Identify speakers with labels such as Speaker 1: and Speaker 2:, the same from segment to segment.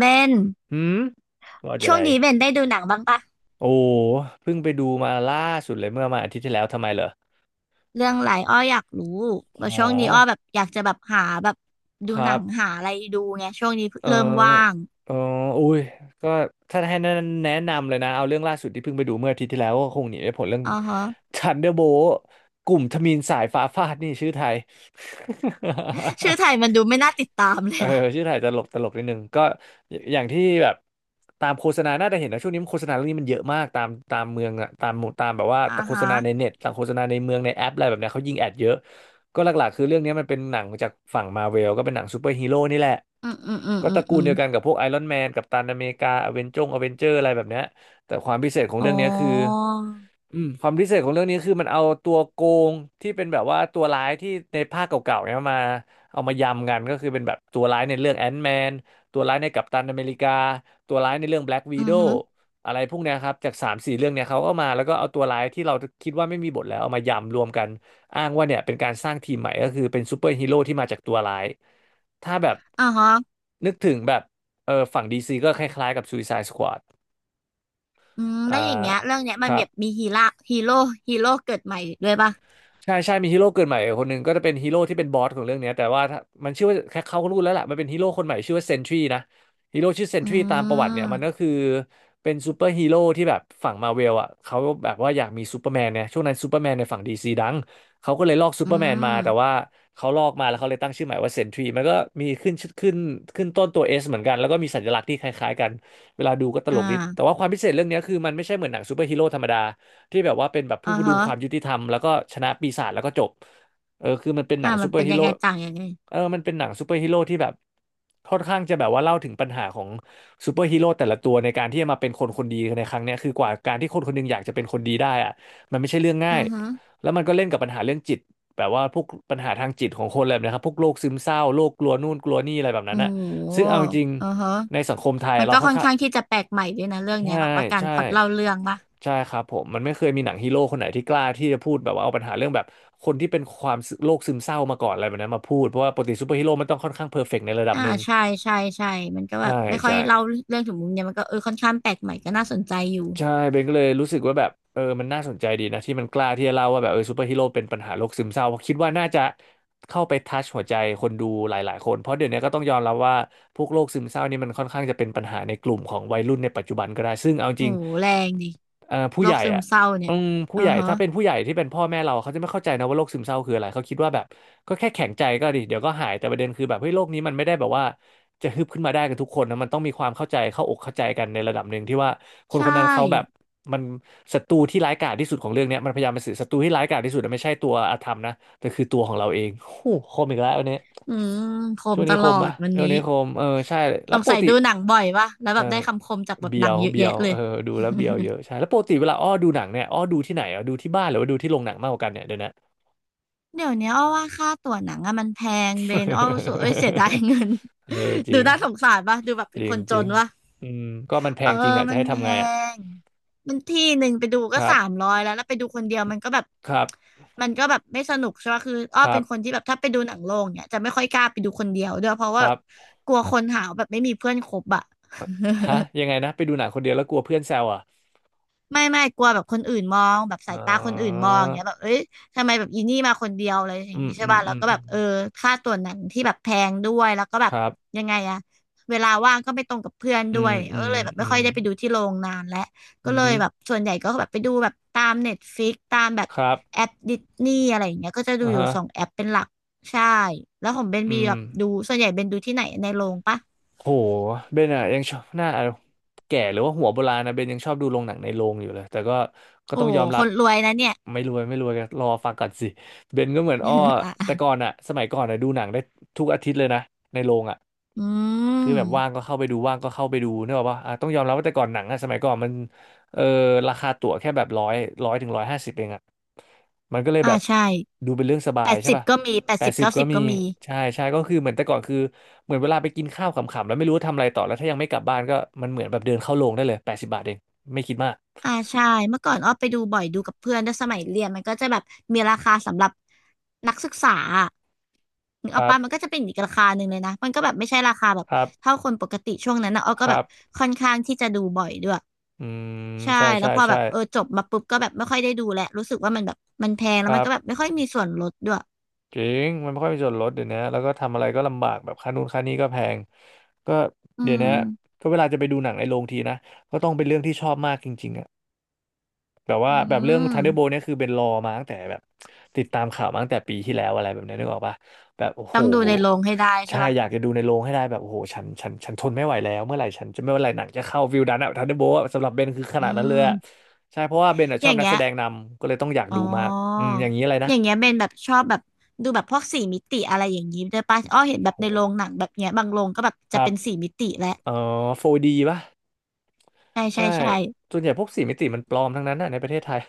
Speaker 1: เบน
Speaker 2: หืมว่าจะ
Speaker 1: ช่
Speaker 2: อะ
Speaker 1: ว
Speaker 2: ไร
Speaker 1: งนี้เบนได้ดูหนังบ้างปะ
Speaker 2: โอ้เพิ่งไปดูมาล่าสุดเลยเมื่อมาอาทิตย์ที่แล้วทำไมเหรอ
Speaker 1: เรื่องอะไรอ้ออยากรู้ว่า
Speaker 2: อ๋อ
Speaker 1: ช่วงนี้อ้อแบบอยากจะแบบหาแบบดู
Speaker 2: ค
Speaker 1: หนั
Speaker 2: รับ
Speaker 1: งหาอะไรดูไงช่วงนี้
Speaker 2: เออ
Speaker 1: เริ่มว่าง
Speaker 2: เอออุ้ยก็ถ้าให้แนะนำเลยนะเอาเรื่องล่าสุดที่เพิ่งไปดูเมื่ออาทิตย์ที่แล้วก็คงหนีไม่พ้นเรื่อง
Speaker 1: อ่าฮะ
Speaker 2: Thunderbolt กลุ่มทมิฬสายฟ้าฟาดนี่ชื่อไทย
Speaker 1: ชื่อ ไทยมันดูไม่น่าติดตามเล
Speaker 2: เอ
Speaker 1: ย
Speaker 2: อ
Speaker 1: อะ
Speaker 2: ชื่อถ่ายตลกตลกนิดนึงก็อย่างที่แบบตามโฆษณาน่าจะเห็นนะช่วงนี้โฆษณาเรื่องนี้มันเยอะมากตามเมืองอะตามหมู่ตามแบบว่า
Speaker 1: อ่า
Speaker 2: โฆ
Speaker 1: ฮะ
Speaker 2: ษณาในเน็ตตามโฆษณาในเมืองในแอปอะไรแบบเนี้ยเขายิงแอดเยอะ ก็หลักๆคือเรื่องนี้มันเป็นหนังจากฝั่งมาเวลก็เป็นหนังซูเปอร์ฮีโร่นี่แหละ
Speaker 1: อืมอืมอืม
Speaker 2: ก็
Speaker 1: อื
Speaker 2: ต
Speaker 1: ม
Speaker 2: ระกู
Speaker 1: อื
Speaker 2: ล
Speaker 1: ม
Speaker 2: เดียวกันกับพวกไอรอนแมนกัปตันอเมริกาอเวนจงอเวนเจอร์อะไรแบบเนี้ยแต่ความพิเศษของ
Speaker 1: อ๋อ
Speaker 2: เรื่องนี้คืออืมความพิเศษของเรื่องนี้คือมันเอาตัวโกงที่เป็นแบบว่าตัวร้ายที่ในภาคเก่าๆเนี่ยมาเอามายำกันก็คือเป็นแบบตัวร้ายในเรื่องแอนท์แมนตัวร้ายในกัปตันอเมริกาตัวร้ายในเรื่องแบล็กวี
Speaker 1: อื
Speaker 2: โด
Speaker 1: อฮึ
Speaker 2: อะไรพวกเนี้ยครับจากสามสี่เรื่องเนี่ยเขาก็มาแล้วก็เอาตัวร้ายที่เราคิดว่าไม่มีบทแล้วเอามายำรวมกัน อ้างว่าเนี่ยเป็นการสร้างทีมใหม่ก็คือเป็นซูเปอร์ฮีโร่ที่มาจากตัวร้ายถ้าแบบ
Speaker 1: อ่าฮะ
Speaker 2: นึกถึงแบบเออฝั่งดีซีก็คล้ายๆกับ Suicide Squad
Speaker 1: อืม
Speaker 2: อ่า
Speaker 1: แล้วอย่างเงี้ยเรื่องเนี้ย
Speaker 2: ค
Speaker 1: มัน
Speaker 2: รั
Speaker 1: แบ
Speaker 2: บ
Speaker 1: บมีฮีโร่ฮีโร่ฮีโร่เกิดใหม่ด้วยปะ
Speaker 2: ใช่ใช่มีฮีโร่เกิดใหม่คนหนึ่งก็จะเป็นฮีโร่ที่เป็นบอสของเรื่องเนี้ยแต่ว่าถ้ามันชื่อว่าแค่เขาก็รู้แล้วล่ะมันเป็นฮีโร่คนใหม่ชื่อว่าเซนทรีนะฮีโร่ชื่อเซน
Speaker 1: อื
Speaker 2: ทรีตามประวัติเนี่ยมัน
Speaker 1: ม
Speaker 2: ก็คือเป็นซูเปอร์ฮีโร่ที่แบบฝั่งมาเวลอ่ะเขาแบบว่าอยากมีซูเปอร์แมนเนี่ยช่วงนั้นซูเปอร์แมนในฝั่งดีซีดังเขาก็เลยลอกซู
Speaker 1: อื
Speaker 2: เปอร์แมนมาแต่
Speaker 1: ม
Speaker 2: ว่าเขาลอกมาแล้วเขาเลยตั้งชื่อใหม่ว่าเซนทรีมันก็มีขึ้นต้นตัวเอสเหมือนกันแล้วก็มีสัญลักษณ์ที่คล้ายๆกันเวลาดูก็ต
Speaker 1: อ่
Speaker 2: ลกดีแต่
Speaker 1: า
Speaker 2: ว่าความพิเศษเรื่องเนี้ยคือมันไม่ใช่เหมือนหนังซูเปอร์ฮีโร่ธรรมดา ที่แบบว่าเป็นแบบผู้
Speaker 1: อ่า
Speaker 2: ประดุ
Speaker 1: ฮะ
Speaker 2: งความยุติธรรมแล้วก็ชนะปีศาจแล้วก็จบเออคือมันเป็นหนั
Speaker 1: อ่า
Speaker 2: ง
Speaker 1: มั
Speaker 2: ซู
Speaker 1: น
Speaker 2: เปอ
Speaker 1: เป็
Speaker 2: ร์
Speaker 1: น
Speaker 2: ฮี
Speaker 1: ยัง
Speaker 2: โร่
Speaker 1: ไงต่างยังไง
Speaker 2: เออมันเป็นหนังซูเปอร์ฮีโร่ที่แบบค่อนข้างจะแบบว่าเล่าถึงปัญหาของซูเปอร์ฮีโร่แต่ละตัวในการที่จะมาเป็นคนคนดีในครั้งเนี้ยคือกว่าการที่คนคนหนึงอยากจะเป็นคนดีได้อะมันไม่ใช่เรื่อง
Speaker 1: อื
Speaker 2: ง่าย
Speaker 1: อฮึ
Speaker 2: แล้วมันก็เล่นกับปัญหาเรื่องจิตแบบว่าพวกปัญหาทางจิตของคนอะไรแบบนะครับ พวกโรคซึมเศร้าโรคกลัวนู่นกลัวนี่อะไรแบบนั้
Speaker 1: โอ้
Speaker 2: นอะ
Speaker 1: โ
Speaker 2: ซึ่ง
Speaker 1: ห
Speaker 2: เอาจริง
Speaker 1: อือฮะ
Speaker 2: ๆในสังคมไทย
Speaker 1: มัน
Speaker 2: เรา
Speaker 1: ก็
Speaker 2: ค่อ
Speaker 1: ค่
Speaker 2: น
Speaker 1: อน
Speaker 2: ข้าง
Speaker 1: ข้างที่จะแปลกใหม่ด้วยนะเรื่องเนี้
Speaker 2: ใช่
Speaker 1: ยแบบว่าการ
Speaker 2: ใช่
Speaker 1: พล็อตเล่าเรื่องป่ะ
Speaker 2: ใช่ครับผมมันไม่เคยมีหนังฮีโร่คนไหนที่กล้าที่จะพูดแบบว่าเอาปัญหาเรื่องแบบคนที่เป็นความซึโรคซึมเศร้ามาก่อนอะไรแบบนั้นมาพูดเพราะว่าปกติซูเปอร์ฮีโร่มันต้องค่อนข้างเพอร์เฟกต์ในระดับ
Speaker 1: อ่า
Speaker 2: หนึ่ง
Speaker 1: ใช่ใช่ใช่ มันก็แบ
Speaker 2: ใช่
Speaker 1: บไม่ค่อย
Speaker 2: ใช่
Speaker 1: เล่าเรื่องถึงมุมเนี้ยมันก็เออค่อนข้างแปลกใหม่ก็น่าสนใจอยู่
Speaker 2: ใช่เบนก็เลยรู้สึกว่าแบบเออมันน่าสนใจดีนะที่มันกล้าที่จะเล่าว่าแบบเออซูเปอร์ฮีโร่เป็นปัญหาโรคซึมเศร้าเพราะคิดว่าน่าจะเข้าไปทัชหัวใจคนดูหลายๆคนเพราะเดี๋ยวนี้ก็ต้องยอมรับว่าพวกโรคซึมเศร้านี่มันค่อนข้างจะเป็นปัญหาในกลุ่มของวัยรุ่นในปัจจุบันก็ได้ซึ่งเอาจ
Speaker 1: โอ้
Speaker 2: ริง
Speaker 1: โหแรงดิ
Speaker 2: ผู้
Speaker 1: โร
Speaker 2: ให
Speaker 1: ค
Speaker 2: ญ่
Speaker 1: ซึม
Speaker 2: อ่ะ
Speaker 1: เศร้าเนี่
Speaker 2: อื
Speaker 1: ย
Speaker 2: มผู้
Speaker 1: อื
Speaker 2: ให
Speaker 1: อ
Speaker 2: ญ่
Speaker 1: ฮะ
Speaker 2: ถ้าเป็นผู้ใหญ่ที่เป็นพ่อแม่เราเขาจะไม่เข้าใจนะว่าโรคซึมเศร้าคืออะไรเขาคิดว่าแบบก็แค่แข็งใจก็ดิเดี๋ยวก็หายแต่ประเด็นคือแบบเฮ้ยโรคนี้มันไม่ได้แบบว่า จะฮึบขึ้นมาได้กันทุกคนนะมันต้องมีความเข้าใจเข้าอกเข้าใจกันในระดับหนึ่งที่ว่าคน
Speaker 1: ใช่
Speaker 2: คนนั้นเขาแบบมันศัตรูที่ร้ายกาจที่สุดของเรื่องเนี้ยมันพยายามเป็นสื่อศัตรูที่ร้ายกาจที่สุดอะไม่ใช่ตัวอาธรรมนะแต่คือตัวของเราเองโอ้โหคมอีกแล้วอันเนี้ย
Speaker 1: อืมคม
Speaker 2: ช่วง
Speaker 1: ต
Speaker 2: นี้ค
Speaker 1: ลอ
Speaker 2: ม
Speaker 1: ด
Speaker 2: ปะ
Speaker 1: วัน
Speaker 2: ช่วง
Speaker 1: นี้
Speaker 2: นี้คมเออใช่
Speaker 1: ส
Speaker 2: แล้ว
Speaker 1: ง
Speaker 2: ป
Speaker 1: สั
Speaker 2: ก
Speaker 1: ย
Speaker 2: ติ
Speaker 1: ดูหนังบ่อยป่ะแล้ว
Speaker 2: เอ
Speaker 1: แบ
Speaker 2: อ
Speaker 1: บได้คำคมจากบท
Speaker 2: เบี
Speaker 1: ห
Speaker 2: ย
Speaker 1: นัง
Speaker 2: ว
Speaker 1: เยอะ
Speaker 2: เบีย
Speaker 1: แยะ
Speaker 2: ว
Speaker 1: เล
Speaker 2: เอ
Speaker 1: ย
Speaker 2: อดูแล้วเบียวเยอะใช่ แล้วปกติเวลาอ้อดูหนังเนี่ยอ้อดูที่ไหนอ่ะดูที่บ้านหรือว่าดูที่โรงหนังมากกว่ากันเนี่ยเดี๋ยวนะ
Speaker 1: เดี๋ยวนี้อ้อว่าค่าตั๋วหนังอะมันแพงเบนอ้อรู้สึกเอ้ยเสียดายเงิน
Speaker 2: เออจ
Speaker 1: ดู
Speaker 2: ริง
Speaker 1: น่าสงสารป่ะดูแบบ
Speaker 2: จ
Speaker 1: เป็น
Speaker 2: ริ
Speaker 1: ค
Speaker 2: ง
Speaker 1: นจ
Speaker 2: จริ
Speaker 1: น
Speaker 2: ง
Speaker 1: ป่ะ
Speaker 2: อืมก็มันแพ
Speaker 1: เออ
Speaker 2: งจริงอ่ะจะ
Speaker 1: มัน
Speaker 2: ให้
Speaker 1: แพ
Speaker 2: ทำไงอ่ะ
Speaker 1: งมันที่หนึ่งไปดู
Speaker 2: ค
Speaker 1: ก็
Speaker 2: รั
Speaker 1: สา
Speaker 2: บ
Speaker 1: มร้อยแล้วแล้วไปดูคนเดียวมันก็แบบ
Speaker 2: ครับ
Speaker 1: มันก็แบบไม่สนุกใช่ปะคืออ้อ
Speaker 2: ครั
Speaker 1: เป็
Speaker 2: บ
Speaker 1: นคนที่แบบถ้าไปดูหนังโรงเนี่ยจะไม่ค่อยกล้าไปดูคนเดียวด้วยเพราะ
Speaker 2: ค
Speaker 1: ว่าแบ
Speaker 2: รั
Speaker 1: บ
Speaker 2: บ
Speaker 1: กลัวคนหาวแบบไม่มีเพื่อนคบอะ
Speaker 2: ฮะยังไงนะไปดูหนังคนเดียวแล้วกลัวเพื่อนแซวอ่ะ
Speaker 1: ไม่ไม่กลัวแบบคนอื่นมองแบบสา
Speaker 2: อ๋อ
Speaker 1: ยตาคนอื่นมองอย่างเงี้ยแบบเอ้ยทำไมแบบอีนี่มาคนเดียวอะไรอย่า
Speaker 2: อื
Speaker 1: ง
Speaker 2: ม
Speaker 1: งี้ใช่
Speaker 2: อืม
Speaker 1: ป่ะแล้
Speaker 2: อื
Speaker 1: ว
Speaker 2: ม
Speaker 1: ก็
Speaker 2: อื
Speaker 1: แบบ
Speaker 2: ม
Speaker 1: เออค่าตั๋วหนังที่แบบแพงด้วยแล้วก็แบบ
Speaker 2: ครับ
Speaker 1: ยังไงอะเวลาว่างก็ไม่ตรงกับเพื่อน
Speaker 2: อื
Speaker 1: ด้ว
Speaker 2: ม
Speaker 1: ย
Speaker 2: อื
Speaker 1: ก็
Speaker 2: ม
Speaker 1: เลยแบบ
Speaker 2: อื
Speaker 1: ไม่ค่
Speaker 2: ม
Speaker 1: อยได้ไปดูที่โรงนานแล้วก็
Speaker 2: อื
Speaker 1: เลย
Speaker 2: ม
Speaker 1: แบบส่วนใหญ่ก็แบบไปดูแบบตามเน็ตฟิกตามแบบ
Speaker 2: ครับ
Speaker 1: แอปดิสนีย์อะไรอย่างเงี้ยก็จะดู
Speaker 2: อ่า
Speaker 1: อยู่
Speaker 2: ฮะ
Speaker 1: สองแอปเป็นหลักใช่แล้วของเบน
Speaker 2: อื
Speaker 1: มีแบ
Speaker 2: ม
Speaker 1: บดูส่วนใหญ่เบนดูที่ไหนในโรงปะ
Speaker 2: โหเบนอะยังชอบหน้าแก่หรือว่าหัวโบราณนะเบนยังชอบดูโรงหนังในโรงอยู่เลยแต่ก็ก็
Speaker 1: โอ้
Speaker 2: ต้องยอม
Speaker 1: ค
Speaker 2: รับ
Speaker 1: นรวยนะเนี่ย
Speaker 2: ไม่รวยไม่รวยก็รอฟังก่อนสิเบนก็เหมือนอ้อ
Speaker 1: อ่ะ
Speaker 2: แต่ก่อนอะสมัยก่อนอะดูหนังได้ทุกอาทิตย์เลยนะในโรงอะ
Speaker 1: อื
Speaker 2: คือแบบว่าง
Speaker 1: ม
Speaker 2: ก็เข้าไปดูว่างก็เข้าไปดูเนกอะป่ะอ่ะต้องยอมรับว่าแต่ก่อนหนังอะสมัยก่อนมันเออราคาตั๋วแค่แบบร้อยถึงร้อยห้าสิบเองอะมันก็เลยแบ
Speaker 1: อ่า
Speaker 2: บ
Speaker 1: ใช่
Speaker 2: ดูเป็นเรื่องสบา
Speaker 1: แป
Speaker 2: ย
Speaker 1: ด
Speaker 2: ใช่
Speaker 1: สิบ
Speaker 2: ป่ะ
Speaker 1: ก็มีแปด
Speaker 2: แป
Speaker 1: สิ
Speaker 2: ด
Speaker 1: บ
Speaker 2: สิบ
Speaker 1: เก้า
Speaker 2: ก็
Speaker 1: สิบ
Speaker 2: มี
Speaker 1: ก็มี
Speaker 2: ใช่ใช่ก็คือเหมือนแต่ก่อนคือเหมือนเวลาไปกินข้าวขำๆแล้วไม่รู้ว่าทำอะไรต่อแล้วถ้ายังไม่กลับบ้านก็มันเหมือนแบบเดินเข้าโรงได้เลยแปดสิบบาทเองไม่คิดมาก
Speaker 1: อ่าใช่เมื่อก่อนอ้อไปดูบ่อยดูกับเพื่อนด้วยสมัยเรียนมันก็จะแบบมีราคาสำหรับนักศึกษาอะนึ
Speaker 2: ค
Speaker 1: กออ
Speaker 2: รั
Speaker 1: กปะมัน
Speaker 2: บ
Speaker 1: ก็จะเป็นอีกราคาหนึ่งเลยนะมันก็แบบไม่ใช่ราคาแบบ
Speaker 2: ครับ
Speaker 1: เท่าคนปกติช่วงนั้นนะอ้อ
Speaker 2: ค
Speaker 1: ก็แบ
Speaker 2: รั
Speaker 1: บ
Speaker 2: บ
Speaker 1: ค่อนข้างที่จะดูบ่อยด้วย
Speaker 2: อืม
Speaker 1: ใช่
Speaker 2: ใช่
Speaker 1: แล้ว
Speaker 2: ใช่
Speaker 1: พอแบ
Speaker 2: ใช่
Speaker 1: บเออจบมาปุ๊บก็แบบไม่ค่อยได้ดูแหละรู้สึกว่ามันแบบมันแพง
Speaker 2: ค
Speaker 1: แล้วมั
Speaker 2: รั
Speaker 1: น
Speaker 2: บ
Speaker 1: ก็แบบไม่ค่อยมีส่วนลดด้วย
Speaker 2: จริงมันไม่ค่อยมีส่วนลดเดี๋ยวนี้แล้วก็ทำอะไรก็ลำบากแบบค่านู่นค่านี้ก็แพงก็
Speaker 1: อื
Speaker 2: เดี๋ยว
Speaker 1: ม
Speaker 2: นี้ก็เวลาจะไปดูหนังในโรงทีนะก็ต้องเป็นเรื่องที่ชอบมากจริงๆอะ แบบ
Speaker 1: อื
Speaker 2: ว่าแบบเรื่อง
Speaker 1: ม
Speaker 2: ทันเดอร์โบเนี่ยคือเป็นรอมาตั้งแต่แบบติดตามข่าวมาตั้งแต่ปีที่แล้วอะไรแบบเนี้ยนึกออกปะแบบโอ้
Speaker 1: ต้
Speaker 2: โห
Speaker 1: องดูในโรงให้ได้ใช่
Speaker 2: ใช่
Speaker 1: ปะ
Speaker 2: อยากจะดูในโรงให้ได้แบบโอ้โหฉันทนไม่ไหวแล้วเมื่อไหร่ฉันจะไม่เมื่อไหร่หนังจะเข้าวิวดันอะทันเดอร์โบสำหรับเบนคือข
Speaker 1: อื
Speaker 2: นาดนั้นเลยอะ
Speaker 1: ม
Speaker 2: ใช่เพราะว่าเบนอะ
Speaker 1: อ
Speaker 2: ชอ
Speaker 1: ย่า
Speaker 2: บ
Speaker 1: ง
Speaker 2: นัก
Speaker 1: เงี้
Speaker 2: แส
Speaker 1: ย
Speaker 2: ดงนำก็เลยต้องอยาก
Speaker 1: อ๋อ
Speaker 2: ดูมากอืมอย่างนี้อะไรนะ
Speaker 1: อย่างเงี้ยเป็นแบบชอบแบบดูแบบพวกสี่มิติอะไรอย่างงี้ด้วยป่ะอ้อเห็นแบ
Speaker 2: โอ้
Speaker 1: บ
Speaker 2: โห
Speaker 1: ในโรงหนังแบบเนี้ยบางโรงก็แบบ
Speaker 2: ค
Speaker 1: จะ
Speaker 2: รั
Speaker 1: เป็
Speaker 2: บ
Speaker 1: นสี่มิติแหละ
Speaker 2: เอ่โฟร์ดีป่ะ
Speaker 1: ใช่ใช่
Speaker 2: ใช่
Speaker 1: ใช่
Speaker 2: ส่วนใหญ่พวกสี่มิติมันปลอมทั้งนั้นอะในประเทศไทย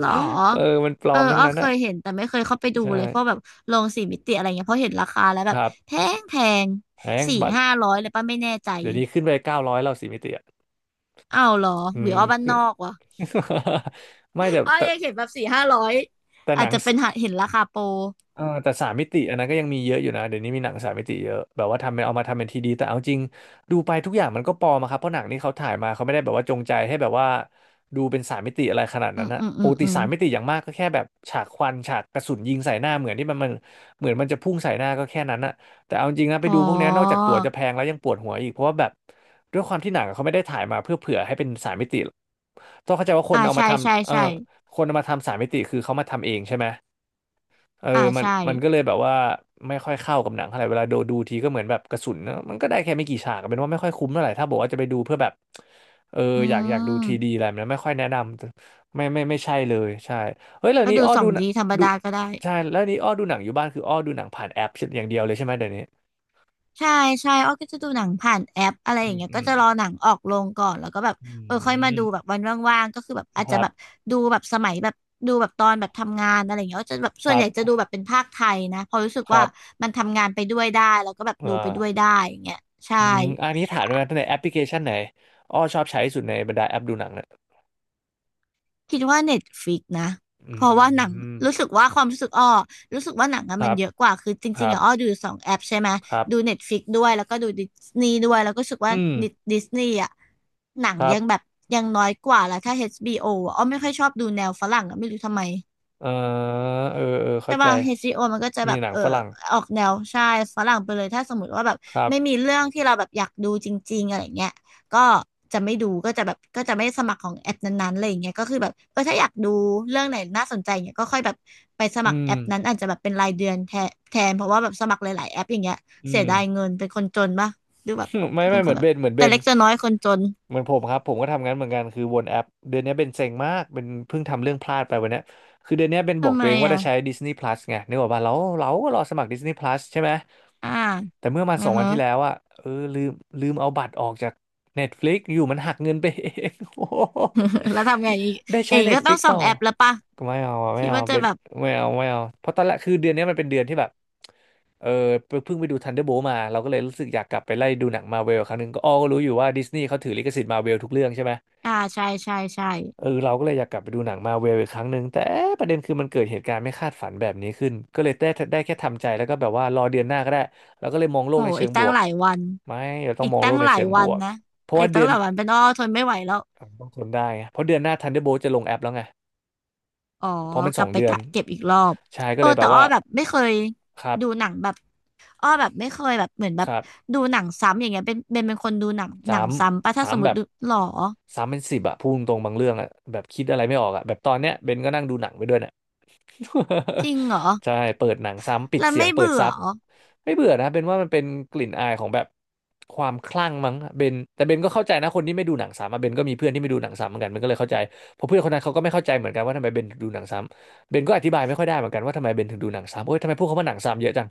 Speaker 1: หรอ
Speaker 2: เออมันปล
Speaker 1: เอ
Speaker 2: อ
Speaker 1: อ
Speaker 2: มทั้ง
Speaker 1: อ้อ
Speaker 2: นั้น
Speaker 1: เค
Speaker 2: อะ
Speaker 1: ยเห็นแต่ไม่เคยเข้าไปดู
Speaker 2: ใช่
Speaker 1: เลยเพราะแบบโรงสี่มิติอะไรเงี้ยเพราะเห็นราคาแล้ว
Speaker 2: ค
Speaker 1: แบบ
Speaker 2: รับ
Speaker 1: แพงแพง
Speaker 2: แพง
Speaker 1: สี่
Speaker 2: บัตร
Speaker 1: ห้าร้อยเลยป่ะไม่แน่ใจ
Speaker 2: เดี๋ยวนี้ขึ้นไปเก้าร้อยแล้วสี่มิติอ่ะ
Speaker 1: อ้าวเหรอ
Speaker 2: อื
Speaker 1: หรือ
Speaker 2: ม
Speaker 1: อ้อบ้าน
Speaker 2: ขึ้
Speaker 1: น
Speaker 2: น
Speaker 1: อกวะ
Speaker 2: ไม่แต่
Speaker 1: อ้อ
Speaker 2: แต่
Speaker 1: ยังเห็นแบบสี่ห้าร้อย
Speaker 2: แต่
Speaker 1: อา
Speaker 2: ห
Speaker 1: จ
Speaker 2: นัง
Speaker 1: จะเป็นหาเห็นราคาโปร
Speaker 2: เออแต่สามมิติอันนั้นก็ยังมีเยอะอยู่นะเดี๋ยวนี้มีหนังสามมิติเยอะแบบว่าทำเป็นเอามาทำเป็นทีดีแต่เอาจริงดูไปทุกอย่างมันก็ปลอมอะครับเพราะหนังนี่เขาถ่ายมาเขาไม่ได้แบบว่าจงใจให้แบบว่าดูเป็นสามมิติอะไรขนาด
Speaker 1: อื
Speaker 2: นั้
Speaker 1: ม
Speaker 2: นนะ
Speaker 1: อืม
Speaker 2: ป
Speaker 1: อืม
Speaker 2: กติ
Speaker 1: อืม
Speaker 2: สามมิติอย่างมากก็แค่แบบฉากควันฉากกระสุนยิงใส่หน้าเหมือนที่มันเหมือนมันจะพุ่งใส่หน้าก็แค่นั้นอะแต่เอาจริงนะไป
Speaker 1: อ๋อ
Speaker 2: ดูพวกเนี้ยนอกจากตั๋วจะแพงแล้วยังปวดหัวอีกเพราะว่าแบบด้วยความที่หนังอะเขาไม่ได้ถ่ายมาเพื่อเผื่อให้เป็นสามมิติต้องเข้าใจว่าคน
Speaker 1: อ่า
Speaker 2: เอามา
Speaker 1: ใช่ใช่
Speaker 2: ทำเออ
Speaker 1: ใช่
Speaker 2: คนเอามาทำสามมิติคือเขามาทำเองใช่ไหม เออ
Speaker 1: อ่า
Speaker 2: มัน
Speaker 1: ใช่
Speaker 2: มันก็เลยแบบว่าไม่ค่อยเข้ากับหนังเท่าไหร่เวลาดูดูทีก็เหมือนแบบกระสุนนะมันก็ได้แค่ไม่กี่ฉากเป็นว่าไม่ค่อยคุ้มเท่าไหร่ถ้าบอกว่าจะไปดูเพื่อแบบเออ
Speaker 1: อื
Speaker 2: อยากดู
Speaker 1: ม
Speaker 2: ทีดีอะไรแบบนั้นไม่ค่อยแนะนำไม่ไม่ใช่เลยใช่เฮ้ยแล้ว
Speaker 1: ก็
Speaker 2: นี้
Speaker 1: ดู
Speaker 2: อ้อ
Speaker 1: สอ
Speaker 2: ดู
Speaker 1: ง
Speaker 2: หนั
Speaker 1: ดี
Speaker 2: ง
Speaker 1: ธรรม
Speaker 2: ดู
Speaker 1: ดาก็ได้
Speaker 2: ใช่แล้วนี้อ้อดูหนังอยู่บ้านคืออ้อดูหนังผ่านแอปอย่างเดียวเลยใช่ไหมเดี๋ยวนี้
Speaker 1: ใช่ใช่อ้อก็จะดูหนังผ่านแอปอะไรอ
Speaker 2: อื
Speaker 1: ย่าง
Speaker 2: ม
Speaker 1: เงี้ย
Speaker 2: อื
Speaker 1: ก็
Speaker 2: ม
Speaker 1: จะรอหนังออกโรงก่อนแล้วก็แบบ
Speaker 2: อื
Speaker 1: เออค่อยมา
Speaker 2: ม
Speaker 1: ดูแบบวันว่างๆก็คือแบบอาจ
Speaker 2: ค
Speaker 1: จะ
Speaker 2: รับ
Speaker 1: แบบดูแบบสมัยแบบดูแบบตอนแบบทำงานอะไรอย่างเงี้ยก็จะแบบส่
Speaker 2: ค
Speaker 1: วน
Speaker 2: รั
Speaker 1: ให
Speaker 2: บ
Speaker 1: ญ่จะดูแบบเป็นภาคไทยนะเพอราะรู้สึก
Speaker 2: ค
Speaker 1: ว่า
Speaker 2: รับ
Speaker 1: มันทำงานไปด้วยได้แล้วก็แบบดู
Speaker 2: อ่า
Speaker 1: ไปด้วยได้อย่างเงี้ยใช่
Speaker 2: อืมอันนี้ถามด้วยนะในแอปพลิเคชันไหนอ้อชอบใช้ที่สุดในบรรดาแอปดูหนังเนี่ย
Speaker 1: คิดว่าเน็ตฟ i ิกนะ
Speaker 2: อื
Speaker 1: เพราะว่าหนัง
Speaker 2: ม
Speaker 1: รู้สึกว่าความรู้สึกอ้อรู้สึกว่าหนังอะ
Speaker 2: ค
Speaker 1: มัน
Speaker 2: รับ
Speaker 1: เยอะกว่าคือจ
Speaker 2: ค
Speaker 1: ริง
Speaker 2: รั
Speaker 1: ๆ
Speaker 2: บ
Speaker 1: อะอ้อดูสองแอปใช่ไหม
Speaker 2: ครั
Speaker 1: ดู
Speaker 2: บ
Speaker 1: เน็ตฟ i ิกด้วยแล้วก็ดูดิสนีย์ด้วยแล้วก็รู้สึกว่า
Speaker 2: อืม
Speaker 1: ดิสนีย์อะหนัง
Speaker 2: ครั
Speaker 1: ยั
Speaker 2: บ
Speaker 1: งแบบยังน้อยกว่าแล้วถ้า HBO อชบีโออะอ้อไม่ค่อยชอบดูแนวฝรั่งอะไม่รู้ทำไม
Speaker 2: เออเออเออ
Speaker 1: ใช่
Speaker 2: เข้าใจ
Speaker 1: ป่ะ HBO มันก็จะแบ
Speaker 2: มี
Speaker 1: บ
Speaker 2: หนั
Speaker 1: เอ
Speaker 2: ง
Speaker 1: อ
Speaker 2: ฝรั่ง
Speaker 1: ออกแนวใช่ฝรั่งไปเลยถ้าสมมติว่าแบบ
Speaker 2: ครับ
Speaker 1: ไม่มีเรื่องที่เราแบบอยากดูจริงๆอะไรเงี้ยก็จะไม่ดูก็จะแบบก็จะไม่สมัครของแอปนั้นๆอะไรอย่างเงี้ยก็คือแบบเออถ้าอยากดูเรื่องไหนน่าสนใจเนี่ยก็ค่อยแบบไปสมั
Speaker 2: อื
Speaker 1: ครแอ
Speaker 2: ม
Speaker 1: ปนั้นอาจจะแบบเป็นรายเดือนแทนแทนเพราะว่าแบบสมัครหลายๆแอปอย่างเงี้ย
Speaker 2: อื
Speaker 1: เสีย
Speaker 2: ม
Speaker 1: ดายเงินเป็นคนจนป่ะดูแบบ
Speaker 2: ไม่
Speaker 1: เป็
Speaker 2: ไม่
Speaker 1: นค
Speaker 2: เหมื
Speaker 1: น
Speaker 2: อน
Speaker 1: แบ
Speaker 2: เบ
Speaker 1: บ
Speaker 2: นเหมือนเบ
Speaker 1: แต่
Speaker 2: น
Speaker 1: เล็กจะน้อยคนจน
Speaker 2: เหมือนผมครับผมก็ทำงั้นเหมือนกันคือวนแอปเดือนนี้เบนเซ็งมากเป็นเพิ่งทำเรื่องพลาดไปวันเนี้ยคือเดือนนี้เบนบอ
Speaker 1: ทำ
Speaker 2: ก
Speaker 1: ไม
Speaker 2: ตัวเองว่า
Speaker 1: อ่ะ
Speaker 2: จะใช้ Disney Plus ไงนึกออกป่ะเราเราก็รอสมัคร Disney Plus ใช่ไหม
Speaker 1: อ่า
Speaker 2: แต่เมื่อมาส
Speaker 1: นะ
Speaker 2: องวัน
Speaker 1: ฮะ
Speaker 2: ที่แล้วอะเออลืมลืมเอาบัตรออกจาก Netflix อยู่มันหักเงินไปเอง โอ้โห
Speaker 1: แล้วทำไงอีก
Speaker 2: ได้
Speaker 1: อ
Speaker 2: ใช้
Speaker 1: ย่างนี้ก็ต้อง
Speaker 2: Netflix
Speaker 1: ส่อ
Speaker 2: ต่
Speaker 1: ง
Speaker 2: อ
Speaker 1: แอปแล้วป่ะ
Speaker 2: ก็ไม่เอาอะ
Speaker 1: คิ
Speaker 2: ไม่
Speaker 1: ด
Speaker 2: เอา
Speaker 1: ว่าจะ
Speaker 2: เป็น
Speaker 1: แบบ
Speaker 2: ไม่เอา เพราะตอนแรกคือเดือนนี้มันเป็นเดือนที่แบบเออเพิ่งไปดู Thunderbolt มาเราก็เลยรู้สึกอยากกลับไปไล่ดูหนังมาเวลครั้งหนึ่งก็อ้อก็รู้อยู่ว่าดิสนีย์เขาถือลิขสิทธิ์มาเวลทุกเรื่องใช่ไหม
Speaker 1: อ่าใช่ใช่ใช่
Speaker 2: เออเราก็เลยอยากกลับไปดูหนังมาเวลอีกครั้งหนึ่งแต่เอ๊ะประเด็นคือมันเกิดเหตุการณ์ไม่คาดฝันแบบนี้ขึ้นก็เลยได้แค่ทำใจแล้วก็แบบว่ารอเดือนหน้าก็ได้แล้วก็เลยมองโล
Speaker 1: โอ้
Speaker 2: กในเชิ
Speaker 1: อีก
Speaker 2: งบ
Speaker 1: ตั้ง
Speaker 2: วก
Speaker 1: หลายวัน
Speaker 2: ไม่เราต้อง
Speaker 1: อีก
Speaker 2: มองโล
Speaker 1: ตั้ง
Speaker 2: กใน
Speaker 1: หลาย
Speaker 2: เชิงบ
Speaker 1: วัน
Speaker 2: วก
Speaker 1: นะ
Speaker 2: เพราะ
Speaker 1: อี
Speaker 2: ว่า
Speaker 1: ก
Speaker 2: เดื
Speaker 1: ตั้ง
Speaker 2: อ
Speaker 1: ห
Speaker 2: น
Speaker 1: ลายวันเป็นอ้อทนไม่ไหวแล้ว
Speaker 2: อ่ะต้องทนได้ไงเพราะเดือนหน้า Thunderbolt จะลงแอปแล้วไง
Speaker 1: อ๋อ
Speaker 2: เพราะมัน
Speaker 1: ก
Speaker 2: ส
Speaker 1: ลั
Speaker 2: อ
Speaker 1: บ
Speaker 2: ง
Speaker 1: ไป
Speaker 2: เดือน
Speaker 1: กะเก็บอีกรอบ
Speaker 2: ใช่ก็
Speaker 1: เออ
Speaker 2: เลยแบ
Speaker 1: แต่
Speaker 2: บ
Speaker 1: อ้อ
Speaker 2: ว่า
Speaker 1: แบบไม่เคย
Speaker 2: ครับ
Speaker 1: ดูหนังแบบอ้อแบบไม่เคยแบบเหมือนแบ
Speaker 2: ค
Speaker 1: บ
Speaker 2: รับ
Speaker 1: ดูหนังซ้ำอย่างเงี้ยเป็นเป็นเป็นคนดูหนัง
Speaker 2: สา
Speaker 1: หนัง
Speaker 2: ม
Speaker 1: ซ้ำปะถ้า
Speaker 2: สา
Speaker 1: ส
Speaker 2: ม
Speaker 1: มม
Speaker 2: แบ
Speaker 1: ติ
Speaker 2: บ
Speaker 1: ดูหรอ
Speaker 2: สามเป็นสิบอะพูดตรงๆบางเรื่องอะแบบคิดอะไรไม่ออกอะแบบตอนเนี้ยเบนก็นั่งดูหนังไปด้วยเนี่ย
Speaker 1: จริงเหรอ
Speaker 2: ใช่เปิดหนังซ้ำปิด
Speaker 1: แล้ว
Speaker 2: เสียง
Speaker 1: ไม่
Speaker 2: เปิด
Speaker 1: เบื่อ
Speaker 2: ซับ
Speaker 1: เหรอ
Speaker 2: ไม่เบื่อนะเบนว่ามันเป็นกลิ่นอายของแบบความคลั่งมั้งเบนแต่เบนก็เข้าใจนะคนที่ไม่ดูหนังซ้ำอะเบนก็มีเพื่อนที่ไม่ดูหนังซ้ำเหมือนกันเบนก็เลยเข้าใจเพราะเพื่อนคนนั้นเขาก็ไม่เข้าใจเหมือนกันว่าทำไมเบนถึงดูหนังซ้ำเบนก็อธิบายไม่ค่อยได้เหมือนกันว่าทำไมเบนถึงดูหนังซ้ำโอ๊ยทำไมพวกเขาว่าหนังซ้ำเยอะจัง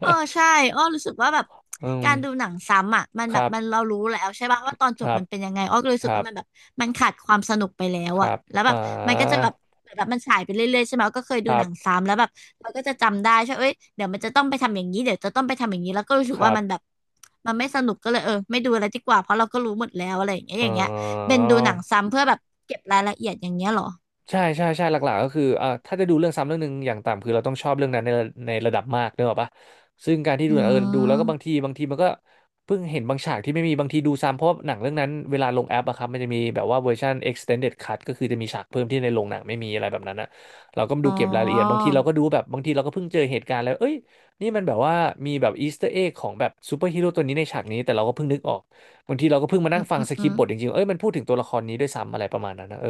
Speaker 1: เออใช่อ้อรู้สึกว่าแบบ
Speaker 2: อืม
Speaker 1: การดูหนังซ้ำอ่ะมัน
Speaker 2: ค
Speaker 1: แบบ
Speaker 2: รั
Speaker 1: มัน
Speaker 2: บ
Speaker 1: เรารู้แล้วใช่ป่ะว่าตอนจ
Speaker 2: ค
Speaker 1: บ
Speaker 2: รับ
Speaker 1: มันเป็นยังไงอ้อก็เลยรู้
Speaker 2: ค
Speaker 1: สึก
Speaker 2: รั
Speaker 1: ว่า
Speaker 2: บ
Speaker 1: มันแบบมันขาดความสนุกไปแล้ว
Speaker 2: ค
Speaker 1: อ่ะ
Speaker 2: รับ
Speaker 1: แล้วแบ
Speaker 2: อ่
Speaker 1: บมันก็จะ
Speaker 2: า
Speaker 1: แบบแบบมันฉายไปเรื่อยๆใช่ไหมอ้อก็เคย
Speaker 2: ค
Speaker 1: ดู
Speaker 2: รั
Speaker 1: หนัง
Speaker 2: บ
Speaker 1: ซ้ำแล้วแบบเราก็จะจำได้ใช่เอ้ยเดี๋ยวมันจะต้องไปทำอย่างนี้เดี๋ยวจะต้องไปทำอย่างนี้แล้วก็รู้สึก
Speaker 2: ค
Speaker 1: ว่า
Speaker 2: รับ
Speaker 1: มันแบบมันไม่สนุกก็เลยเออไม่ดูอะไรดีกว่าเพราะเราก็รู้หมดแล้วอะไรอย่างเงี้ยอ
Speaker 2: อ๋
Speaker 1: ย่า
Speaker 2: อ
Speaker 1: งเงี้ยเป็นดูหนังซ้ำเพื่อแบบเก็บรายละเอียดอย่างเงี้ยเหรอ
Speaker 2: ใช่ใช่ใช่หลักๆก็คือเอ่าถ้าจะดูเรื่องซ้ำเรื่องหนึ่งอย่างต่ำคือเราต้องชอบเรื่องนั้นในระดับมากเนกอะปะซึ่งการที่
Speaker 1: อื
Speaker 2: ดูดูแล้วก็บางที
Speaker 1: ม
Speaker 2: บางทีมันก็เพิ่งเห็นบางฉากที่ไม่มีบางทีดูซ้ำเพราะหนังเรื่องนั้นเวลาลงแอปอะครับมันจะมีแบบว่าเวอร์ชัน extended cut ก็คือจะมีฉากเพิ่มที่ในโรงหนังไม่มีอะไรแบบนั้นอะเราก็มา
Speaker 1: อ๋
Speaker 2: ดู
Speaker 1: อ
Speaker 2: เก็บรายละเอียดบางทีเราก็ดูแบบบางทีเราก็เพิ่งเจอเหตุการณ์แล้วเอ้ยนี่มันแบบว่ามีแบบอีสเตอร์เอ็กของแบบซูเปอร์ฮีโร่ตัวนี้ในฉากนี้แต่เราก็เพิ่งนึกออกบางทีเราก็เพิ่งมา
Speaker 1: อื
Speaker 2: นั่ง
Speaker 1: ม
Speaker 2: ฟั
Speaker 1: อื
Speaker 2: ง
Speaker 1: ม
Speaker 2: สค
Speaker 1: อื
Speaker 2: ริป
Speaker 1: ม
Speaker 2: ต์บทจริงๆเอ้ยมันพูดถึงตัวละครนี้ด้วยซ้ำอะไรประมาณนั้นนะเออ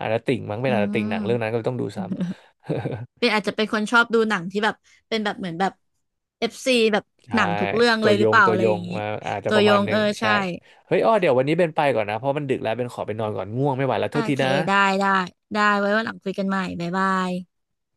Speaker 2: อาราติ่งมั้งเป็นอาราติ่งหนังเรื่องนั้นก็เลยต้องดู
Speaker 1: อื
Speaker 2: ซ้ำ
Speaker 1: ม เป็นอาจจะเป็นคนชอบดูหนังที่แบบเป็นแบบเหมือนแบบเอฟซีแบบ ห
Speaker 2: ใช่
Speaker 1: นังทุกเรื่อง
Speaker 2: ตั
Speaker 1: เล
Speaker 2: ว
Speaker 1: ยห
Speaker 2: โย
Speaker 1: รือเป
Speaker 2: ง
Speaker 1: ล่า
Speaker 2: ตัว
Speaker 1: อะไร
Speaker 2: โย
Speaker 1: อ
Speaker 2: ง
Speaker 1: ย่างนี้
Speaker 2: มาอาจจะ
Speaker 1: ตั
Speaker 2: ป
Speaker 1: ว
Speaker 2: ระ
Speaker 1: ย
Speaker 2: มาณ
Speaker 1: ง
Speaker 2: ห
Speaker 1: เอ
Speaker 2: นึ่
Speaker 1: อ
Speaker 2: งใช่
Speaker 1: ใช่
Speaker 2: เฮ้ยอ้อเดี๋ยววันนี้เป็นไปก่อนนะเพราะมันดึกแล้วเป็นขอไปนอนก่อนง่วงไม่ไหวแล้ว
Speaker 1: โอ
Speaker 2: โทษที
Speaker 1: เค
Speaker 2: นะ
Speaker 1: ได้ได้ได้ไว้วันหลังคุยกันใหม่บ๊ายบาย